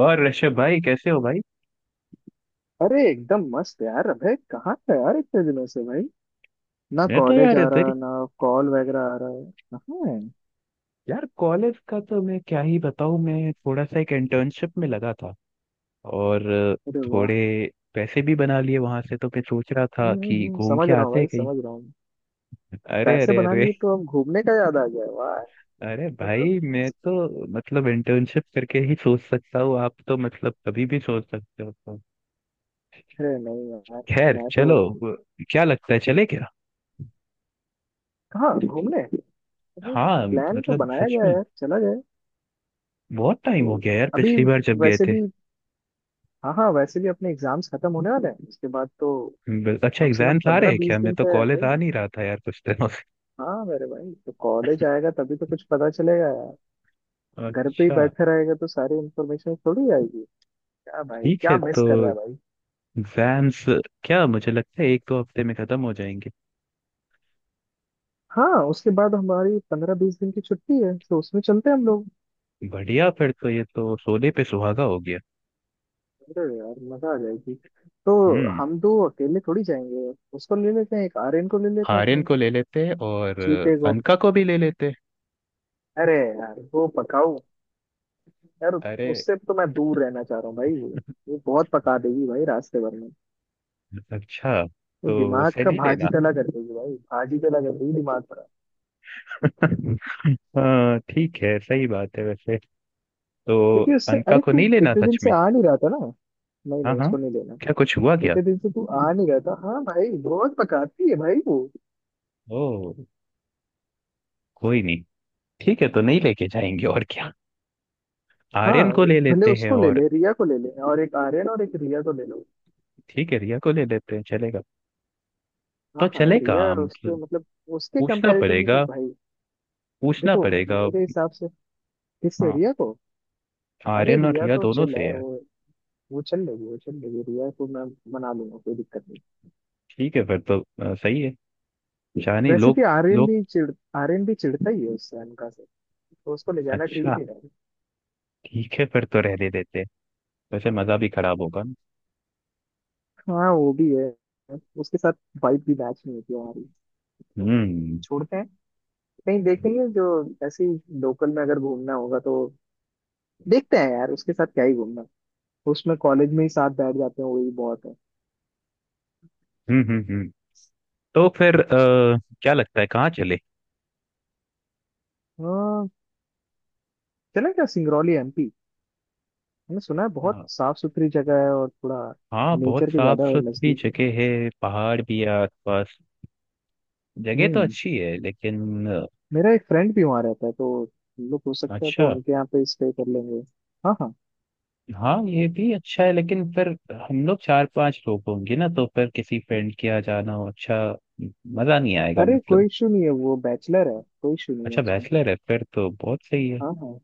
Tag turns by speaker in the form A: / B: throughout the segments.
A: और ऋषभ भाई कैसे हो भाई।
B: अरे एकदम मस्त यार। अबे कहाँ था यार इतने दिनों से भाई? ना
A: मैं तो
B: कॉलेज
A: यार
B: आ
A: इधर ही।
B: रहा, ना कॉल वगैरह आ रहा है। कहाँ है?
A: यार कॉलेज का तो मैं क्या ही बताऊं, मैं थोड़ा सा एक इंटर्नशिप में लगा था और
B: अरे वाह।
A: थोड़े पैसे भी बना लिए वहां से, तो मैं सोच रहा था कि घूम
B: समझ
A: के
B: रहा हूँ
A: आते हैं
B: भाई,
A: कहीं।
B: समझ रहा हूँ।
A: अरे
B: पैसे
A: अरे
B: बना
A: अरे।
B: लिए तो अब घूमने का याद आ गया, वाह।
A: अरे
B: मतलब,
A: भाई मैं तो मतलब इंटर्नशिप करके ही सोच सकता हूँ, आप तो मतलब कभी भी सोच सकते हो तो।
B: अरे नहीं यार,
A: खैर
B: मैं तो।
A: चलो क्या लगता है, चले क्या?
B: कहाँ घूमने? अरे,
A: हाँ
B: प्लान तो
A: मतलब
B: बनाया
A: सच
B: गया है
A: में।
B: यार, चला जाए।
A: बहुत टाइम हो
B: तो
A: गया यार,
B: अभी
A: पिछली बार जब गए
B: वैसे
A: थे।
B: भी, हाँ हाँ, वैसे भी अपने एग्जाम्स खत्म होने वाले हैं, उसके बाद तो
A: अच्छा
B: कम से कम
A: एग्जाम्स आ रहे
B: पंद्रह
A: हैं क्या?
B: बीस
A: मैं
B: दिन
A: तो
B: का है
A: कॉलेज आ
B: ही।
A: नहीं रहा था यार कुछ दिनों से।
B: हाँ मेरे भाई तो कॉलेज आएगा तभी तो कुछ पता चलेगा। घर पे ही
A: अच्छा
B: बैठा रहेगा तो सारी इन्फॉर्मेशन थोड़ी आएगी। क्या भाई,
A: ठीक
B: क्या
A: है।
B: मिस
A: तो
B: कर रहा है भाई।
A: एग्जाम्स क्या, मुझे लगता है एक दो हफ्ते में खत्म हो जाएंगे।
B: हाँ उसके बाद हमारी 15-20 दिन की छुट्टी है, तो उसमें चलते हैं हम लोग।
A: बढ़िया, फिर तो ये तो सोने पे सुहागा हो गया।
B: अरे यार मजा आ जाएगी। तो
A: हम्म।
B: हम दो अकेले थोड़ी जाएंगे। उसको ले लेते हैं, एक आर्यन को ले लेते हैं
A: आर्यन
B: अपने
A: को ले लेते, और
B: चीते को।
A: अनका को भी ले लेते।
B: अरे यार वो पकाऊ यार,
A: अरे।
B: उससे तो मैं दूर रहना चाह रहा हूँ भाई। वो बहुत पका देगी भाई रास्ते भर में।
A: अच्छा,
B: वो
A: तो
B: दिमाग
A: उसे
B: का
A: नहीं
B: भाजी
A: लेना।
B: तला कर देगी भाई, भाजी तला कर देगी दिमाग का।
A: हाँ ठीक है, सही बात है वैसे। तो
B: क्योंकि उससे,
A: अनका
B: अरे
A: को
B: तू
A: नहीं लेना
B: इतने दिन
A: सच
B: से
A: में।
B: आ नहीं रहा था ना, नहीं
A: हाँ
B: नहीं
A: हाँ।
B: उसको नहीं लेना।
A: क्या, कुछ हुआ क्या?
B: इतने दिन से तू आ नहीं रहा था, हाँ भाई बहुत पकाती है भाई वो।
A: ओ। कोई नहीं। ठीक है, तो नहीं लेके जाएंगे, और क्या।
B: हाँ
A: आर्यन को ले
B: भले
A: लेते हैं
B: उसको ले
A: और।
B: ले, रिया को ले ले, और एक आर्यन और एक रिया को ले लो।
A: ठीक है, रिया को ले लेते हैं, चलेगा।
B: हाँ
A: तो
B: हाँ
A: चलेगा
B: रिया, उसके
A: मतलब।
B: मतलब उसके
A: पूछना
B: कंपैरेटिव में तो
A: पड़ेगा।
B: भाई।
A: पूछना
B: देखो
A: पड़ेगा।
B: मेरे हिसाब से, किससे?
A: हाँ।
B: रिया को? अरे
A: आर्यन और
B: रिया
A: रिया
B: तो
A: दोनों
B: चिल है
A: से है।
B: वो चल लेगी, वो चल लेगी, रिया को मैं मना लूंगा, कोई दिक्कत नहीं।
A: ठीक है फिर तो सही है। जाने
B: वैसे
A: लोग।
B: भी
A: लोग।
B: आर्यन भी चिढ़ता ही है उससे, अनका से। तो उसको ले जाना ठीक
A: अच्छा,
B: नहीं रहेगा।
A: ठीक है फिर तो रहने देते हैं। वैसे मजा भी खराब होगा ना।
B: हाँ वो भी है उसके साथ। वाइब भी मैच नहीं होती हमारी। तो
A: हम्म।
B: छोड़ते हैं, नहीं देखेंगे, जो ऐसे ही लोकल में अगर घूमना होगा तो। देखते हैं यार, उसके साथ क्या ही घूमना। उसमें कॉलेज में ही साथ बैठ जाते हैं, वही बहुत है।
A: हम्म। हम्म। हम्म। तो फिर क्या लगता है कहाँ चले?
B: हाँ, चलें क्या सिंगरौली एमपी? मैंने सुना है बहुत
A: हाँ।
B: साफ सुथरी जगह है और थोड़ा
A: हाँ, बहुत
B: नेचर के
A: साफ
B: ज्यादा और
A: सुथरी
B: नजदीक है।
A: जगह है, पहाड़ भी है आसपास। जगह तो
B: हम्म,
A: अच्छी है लेकिन
B: मेरा एक फ्रेंड भी वहाँ रहता है, तो हम लोग हो सकता है
A: अच्छा।
B: तो उनके यहाँ पे स्टे कर लेंगे। हाँ हाँ।
A: हाँ ये भी अच्छा है, लेकिन फिर हम लोग चार पांच लोग होंगे ना, तो फिर किसी फ्रेंड के यहाँ जाना हो, अच्छा मजा नहीं आएगा
B: अरे
A: मतलब।
B: कोई इशू नहीं है, वो बैचलर है, कोई इशू नहीं है
A: अच्छा
B: उसमें।
A: बैचलर है, फिर तो बहुत सही है।
B: हाँ हाँ।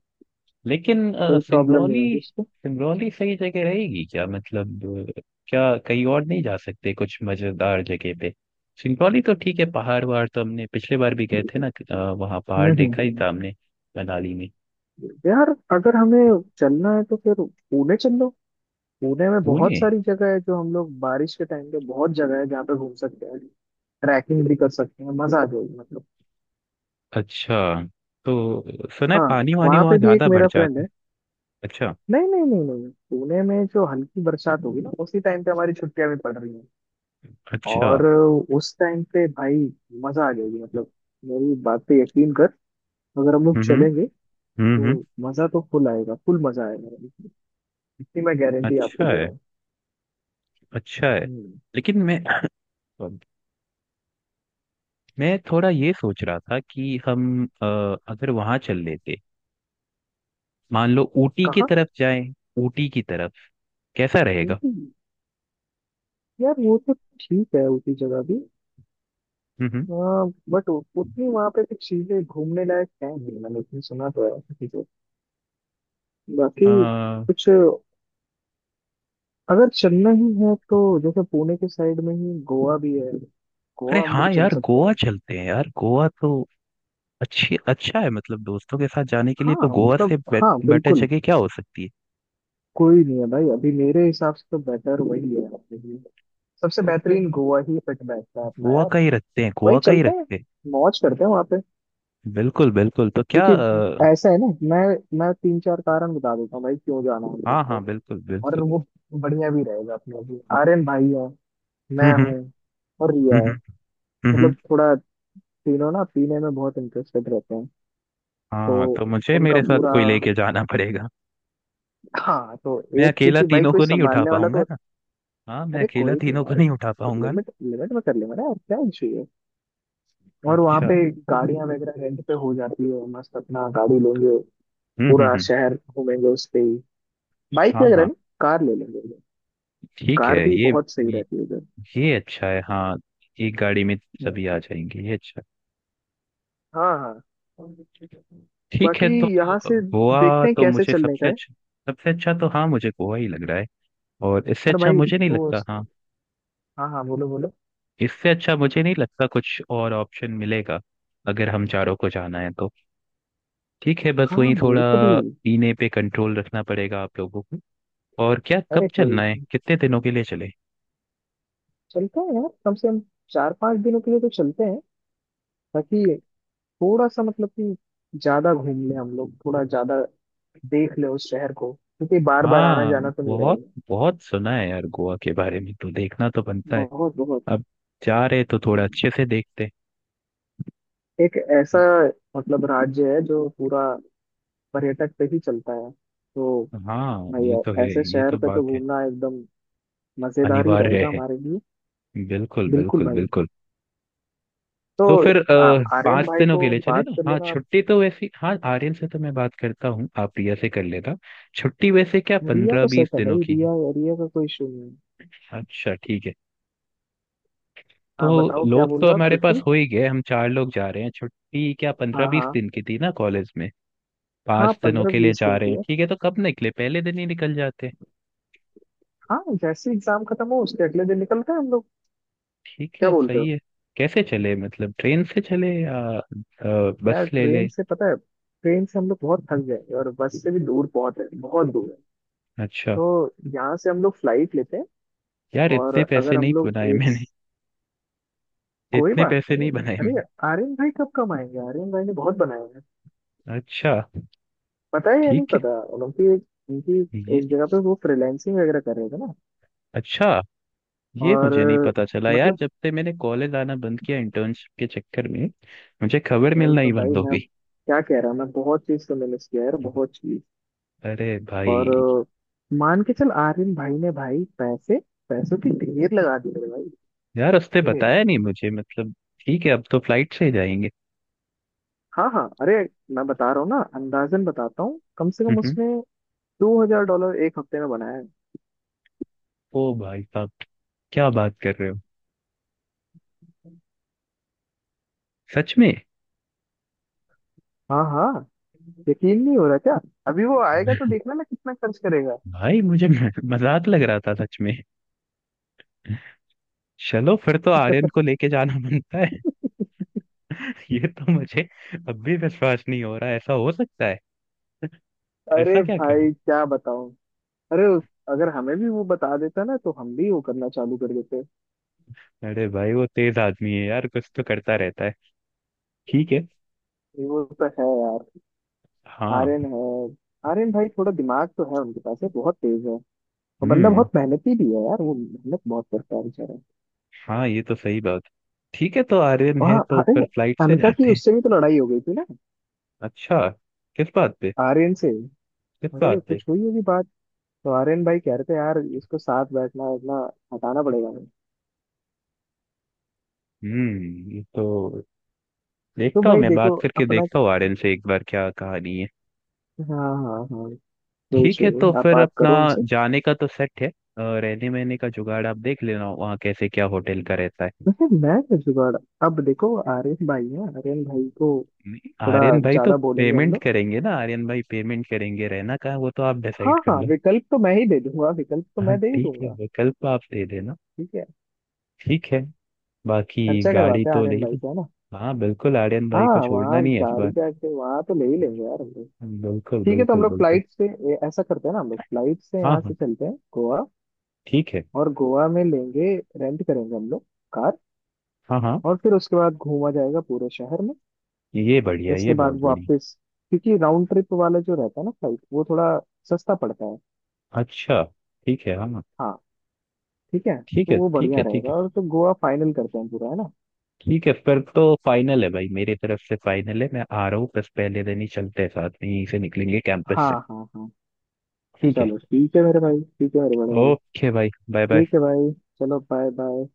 A: लेकिन
B: कोई प्रॉब्लम नहीं होगी
A: सिंगरौली,
B: उसको।
A: सिंगरौली सही जगह रहेगी क्या मतलब? अ, क्या कहीं और नहीं जा सकते, कुछ मजेदार जगह पे? सिंगरौली तो ठीक है, पहाड़ वहाड़ तो हमने पिछले बार भी गए थे ना, वहाँ
B: हम्म
A: पहाड़
B: हम्म,
A: देखा ही
B: हम्म।
A: था हमने मनाली में।
B: यार, अगर हमें चलना है तो फिर पुणे चल लो। पुणे में बहुत
A: पुणे।
B: सारी जगह है, जो हम लोग बारिश के टाइम पे, बहुत जगह है जहाँ पे घूम सकते हैं, ट्रैकिंग भी कर सकते हैं, मजा आ जाएगी मतलब।
A: अच्छा, तो सुना है
B: हाँ,
A: पानी वानी
B: वहाँ
A: वहाँ
B: पे भी एक
A: ज्यादा बढ़
B: मेरा फ्रेंड
A: जाता है।
B: है।
A: अच्छा।
B: नहीं नहीं नहीं नहीं नहीं, पुणे में जो हल्की बरसात होगी ना, उसी टाइम पे हमारी छुट्टियां भी पड़ रही हैं।
A: अच्छा।
B: और उस टाइम पे भाई, मजा आ जाएगी मतलब। मेरी बात पे यकीन कर, अगर हम लोग
A: हम्म।
B: चलेंगे
A: हम्म।
B: तो मजा तो फुल आएगा, फुल मजा आएगा। इतनी मैं गारंटी आपको
A: अच्छा
B: दे
A: है।
B: रहा हूँ।
A: अच्छा है।
B: हम्म,
A: लेकिन मैं थोड़ा ये सोच रहा था कि हम अगर वहां चल लेते, मान लो ऊटी की
B: कहाँ?
A: तरफ जाएं। ऊटी की तरफ। कैसा रहेगा?
B: ऊटी? यार वो तो ठीक है, उसी जगह भी।
A: हम्म। हम्म।
B: हाँ बट उतनी वहां पे कुछ चीजें घूमने लायक है नहीं, मैंने उतनी सुना तो है किसी को। बाकी
A: अ,
B: कुछ, अगर चलना ही है तो जैसे पुणे के साइड में ही गोवा भी है,
A: अरे
B: गोवा हम लोग
A: हाँ
B: चल
A: यार
B: सकते
A: गोवा
B: हैं।
A: चलते हैं यार, गोवा तो अच्छी, अच्छा है मतलब, दोस्तों के साथ जाने के लिए तो
B: हाँ
A: गोवा से
B: मतलब, हाँ
A: बेटर
B: बिल्कुल।
A: जगह क्या हो सकती है।
B: कोई नहीं है भाई, अभी मेरे हिसाब से तो बेटर वही है अपने लिए, सबसे
A: तो फिर
B: बेहतरीन गोवा ही फिट बैठता है अपना
A: गोवा
B: यार।
A: का ही रखते हैं,
B: वही
A: गोवा का ही
B: चलता है,
A: रखते हैं।
B: मौज करते हैं वहां पे।
A: बिल्कुल बिल्कुल, तो क्या
B: देखिए, ऐसा है ना, मैं मैं 3-4 कारण बता देता हूँ भाई क्यों जाना है हम लोग
A: हाँ
B: को।
A: हाँ बिल्कुल
B: और
A: बिल्कुल।
B: वो बढ़िया भी रहेगा अपने लिए। आर्यन भाई है,
A: हम्म।
B: मैं
A: हम्म।
B: हूँ, और रिया
A: हम्म।
B: है।
A: हम्म, हम्म।
B: मतलब थोड़ा, तीनों ना पीने में बहुत इंटरेस्टेड रहते हैं, तो
A: हाँ, तो मुझे
B: उनका
A: मेरे साथ
B: पूरा,
A: कोई लेके जाना पड़ेगा।
B: हाँ तो
A: मैं
B: एक,
A: अकेला
B: क्योंकि भाई
A: तीनों
B: कोई
A: को नहीं उठा
B: संभालने वाला
A: पाऊंगा
B: तो।
A: ना। हाँ, मैं
B: अरे
A: अकेला
B: कोई नहीं
A: तीनों को
B: यार,
A: नहीं उठा
B: तो
A: पाऊंगा ना।
B: लिमिट लिमिट में कर लेंगे ना यार, क्या इशू है। और वहाँ
A: अच्छा।
B: पे गाड़ियाँ वगैरह रेंट पे हो जाती है, मस्त अपना गाड़ी लेंगे,
A: हम्म। हम्म।
B: पूरा
A: हम्म।
B: शहर घूमेंगे उस पे ही। बाइक
A: हाँ
B: वगैरह
A: हाँ।
B: नहीं, कार ले लेंगे उधर।
A: ठीक है
B: कार भी बहुत सही
A: ये,
B: रहती है
A: ये अच्छा है हाँ। एक गाड़ी में
B: उधर।
A: सभी आ जाएंगे, ये अच्छा
B: हाँ हाँ।
A: है। ठीक है
B: बाकी
A: तो
B: यहाँ से
A: गोवा
B: देखते हैं
A: तो
B: कैसे
A: मुझे
B: चलने का
A: सबसे
B: है।
A: अच्छा, सबसे अच्छा तो हाँ, मुझे गोवा ही लग रहा है। और इससे
B: अरे
A: अच्छा
B: भाई
A: मुझे नहीं
B: वो,
A: लगता हाँ।
B: हाँ हाँ, बोलो बोलो।
A: इससे अच्छा मुझे नहीं लगता, कुछ और ऑप्शन मिलेगा अगर हम चारों को जाना है तो। ठीक है, बस
B: हाँ
A: वही थोड़ा
B: मेरे को भी।
A: पीने पे कंट्रोल रखना पड़ेगा आप लोगों को। और क्या, कब
B: अरे
A: चलना
B: कोई,
A: है, कितने दिनों के लिए चले?
B: चलते हैं यार, कम से कम 4-5 दिनों के लिए तो चलते हैं, ताकि थोड़ा सा मतलब कि ज्यादा घूम ले हम लोग, थोड़ा ज्यादा देख ले उस शहर को, क्योंकि बार बार आना
A: हाँ।
B: जाना तो नहीं
A: बहुत,
B: रहेगा।
A: बहुत सुना है यार गोवा के बारे में, तो देखना तो बनता है।
B: बहुत बहुत।
A: अब जा रहे तो थोड़ा
B: हम्म।
A: अच्छे से देखते
B: एक ऐसा
A: हैं।
B: मतलब राज्य है जो पूरा पर्यटक पे ही चलता है, तो
A: हाँ ये तो
B: भाई
A: है।
B: ऐसे
A: ये
B: शहर
A: तो
B: पे तो
A: बात है।
B: घूमना एकदम मजेदार ही
A: अनिवार्य
B: रहेगा
A: है।
B: हमारे लिए।
A: बिल्कुल
B: बिल्कुल
A: बिल्कुल
B: भाई।
A: बिल्कुल।
B: तो
A: तो फिर
B: आ, आर्यन
A: पाँच
B: भाई
A: दिनों के
B: को
A: लिए चले
B: बात
A: ना?
B: कर
A: हाँ
B: लेना आप।
A: छुट्टी तो वैसी, हाँ आर्यन से तो मैं बात करता हूँ, आप प्रिया से कर लेना। छुट्टी वैसे क्या
B: रिया
A: पंद्रह
B: तो
A: बीस
B: सेट है
A: दिनों
B: भाई,
A: की है।
B: रिया, रिया का कोई इशू नहीं है।
A: अच्छा ठीक है। तो
B: हाँ बताओ क्या
A: लोग
B: बोल
A: तो
B: रहे हो आप,
A: हमारे पास
B: छुट्टी?
A: हो ही गए, हम चार लोग जा रहे हैं, छुट्टी क्या पंद्रह
B: हाँ
A: बीस
B: हाँ
A: दिन की थी ना कॉलेज में।
B: हाँ,
A: पांच दिनों
B: पंद्रह
A: के लिए
B: बीस
A: जा
B: दिन
A: रहे
B: की
A: हैं,
B: है।
A: ठीक है तो कब निकले, पहले दिन ही निकल जाते।
B: हाँ जैसे एग्जाम खत्म हो उसके अगले दिन निकलते हैं हम लोग,
A: ठीक
B: क्या
A: है
B: बोलते
A: सही
B: हो?
A: है। कैसे चले मतलब, ट्रेन से चले या
B: यार
A: बस ले ले?
B: ट्रेन से, पता है ट्रेन से हम लोग बहुत थक जाएंगे, और बस से भी, दूर बहुत है, बहुत दूर है।
A: अच्छा।
B: तो यहाँ से हम लोग फ्लाइट लेते हैं।
A: यार
B: और
A: इतने पैसे
B: अगर हम
A: नहीं
B: लोग
A: बनाए
B: एक,
A: मैंने।
B: कोई
A: इतने
B: बात
A: पैसे
B: नहीं।
A: नहीं बनाए
B: अरे
A: मैंने।
B: आर्यन भाई, कब कब आएंगे, आर्यन भाई ने बहुत बनाया,
A: अच्छा
B: पता है या नहीं
A: ठीक है।
B: पता? उनकी एक उनकी
A: ये
B: एक जगह पे वो फ्रीलैंसिंग वगैरह कर रहे थे ना।
A: अच्छा। ये
B: और
A: मुझे नहीं पता चला यार,
B: मतलब
A: जब से मैंने कॉलेज आना बंद किया इंटर्नशिप के चक्कर में। मुझे खबर
B: वही
A: मिलना
B: तो
A: ही
B: भाई,
A: बंद हो
B: मैं
A: गई।
B: क्या कह रहा हूँ, मैं बहुत चीज तो मिस किया यार, बहुत चीज।
A: अरे
B: और
A: भाई।
B: मान के चल, आर्यन भाई ने भाई पैसे, पैसों की ढेर लगा दी मेरे भाई,
A: यार रास्ते
B: ढेर।
A: बताया नहीं मुझे, मतलब। ठीक है, अब तो फ्लाइट से ही जाएंगे।
B: हाँ हाँ, अरे मैं बता रहा हूँ ना, अंदाजन बताता हूँ, कम से कम
A: हम्म।
B: उसने $2,000 एक हफ्ते में बनाया है।
A: ओ भाई साहब, क्या बात कर रहे हो सच में?
B: हाँ हाँ। यकीन नहीं हो रहा क्या? अभी वो आएगा तो देखना मैं कितना खर्च करेगा।
A: भाई मुझे मजाक लग रहा था सच में। चलो फिर तो आर्यन को लेके जाना बनता है। ये तो मुझे अब भी विश्वास नहीं हो रहा ऐसा हो सकता है। ऐसा
B: अरे
A: क्या करो।
B: भाई क्या बताऊं, अरे उस- अगर हमें भी वो बता देता ना, तो हम भी वो करना चालू कर देते।
A: अरे भाई वो तेज आदमी है यार, कुछ तो करता रहता है। ठीक है।
B: ये वो तो है।
A: हाँ।
B: आर्यन है, आर्यन भाई थोड़ा दिमाग तो है उनके पास है, बहुत तेज है, और बंदा
A: हम्म।
B: बहुत मेहनती भी है यार, वो मेहनत बहुत करता है बेचारा।
A: हाँ ये तो सही बात। ठीक है, तो आर्यन
B: और
A: है
B: हाँ
A: तो
B: अरे,
A: फिर फ्लाइट से
B: अनका की
A: जाते हैं।
B: उससे भी तो लड़ाई हो गई थी ना,
A: अच्छा। किस बात पे?
B: आर्यन से।
A: इस
B: अरे
A: बात पे।
B: कुछ हुई होगी बात, तो आर्यन भाई कह रहे थे यार, इसको साथ बैठना उठना हटाना पड़ेगा।
A: हम्म, ये तो।
B: तो
A: देखता हूँ,
B: भाई
A: मैं
B: देखो
A: बात करके
B: अपना,
A: देखता हूँ आर्यन से एक बार, क्या कहानी है।
B: हाँ हाँ हाँ, कोई
A: ठीक
B: इशू
A: है
B: नहीं,
A: तो
B: आप
A: फिर
B: बात
A: अपना
B: करो उनसे।
A: जाने का तो सेट है रहने वहने का जुगाड़ आप देख लेना, वहाँ कैसे क्या होटल का रहता है।
B: वैसे मैं क्या जुगाड़, अब देखो आर्यन भाई है, आर्यन भाई को
A: नहीं,
B: थोड़ा
A: आर्यन भाई तो
B: ज्यादा बोलेंगे हम
A: पेमेंट
B: लोग।
A: करेंगे ना, आर्यन भाई पेमेंट करेंगे, रहना कहाँ वो तो आप
B: हाँ
A: डिसाइड कर
B: हाँ,
A: लो।
B: विकल्प तो मैं ही दे दूंगा, विकल्प तो
A: हाँ
B: मैं दे ही
A: ठीक है,
B: दूंगा।
A: विकल्प आप दे देना।
B: ठीक है।
A: ठीक है। बाकी
B: खर्चा
A: गाड़ी
B: करवाते हैं
A: तो ले
B: आर्यन भाई
A: ली।
B: से, है ना।
A: हाँ बिल्कुल, आर्यन भाई
B: हाँ
A: को छोड़ना
B: वहाँ
A: नहीं है इस
B: गाड़ी
A: बार।
B: का के वहाँ तो ले ही लेंगे यार हम लोग।
A: बिल्कुल
B: ठीक है तो हम
A: बिल्कुल
B: लोग
A: बिल्कुल।
B: फ्लाइट से ऐसा करते हैं ना, हम लोग फ्लाइट से
A: हाँ
B: यहाँ से
A: हाँ।
B: चलते हैं गोवा।
A: ठीक है।
B: और गोवा में लेंगे, रेंट करेंगे हम लोग, कार।
A: हाँ हाँ।
B: और फिर उसके बाद घूमा जाएगा पूरे शहर में।
A: ये बढ़िया,
B: इसके
A: ये
B: बाद
A: बहुत बढ़िया।
B: वापस, क्योंकि राउंड ट्रिप वाला जो रहता है ना फ्लाइट, वो थोड़ा सस्ता पड़ता है।
A: अच्छा। ठीक है हाँ।
B: हाँ ठीक है,
A: ठीक
B: तो
A: है
B: वो
A: ठीक
B: बढ़िया
A: है ठीक
B: रहेगा,
A: है।
B: और तो गोवा फाइनल करते हैं पूरा, है ना?
A: ठीक है फिर तो फाइनल है भाई, मेरी तरफ से फाइनल है, मैं आ रहा हूँ, बस पहले दिन ही चलते हैं साथ में, यहीं से निकलेंगे कैंपस
B: हाँ
A: से।
B: हाँ हाँ।
A: ठीक है।
B: चलो ठीक है मेरे भाई, ठीक है मेरे बड़े भाई।
A: ओके भाई, बाय बाय।
B: ठीक है भाई, चलो बाय बाय।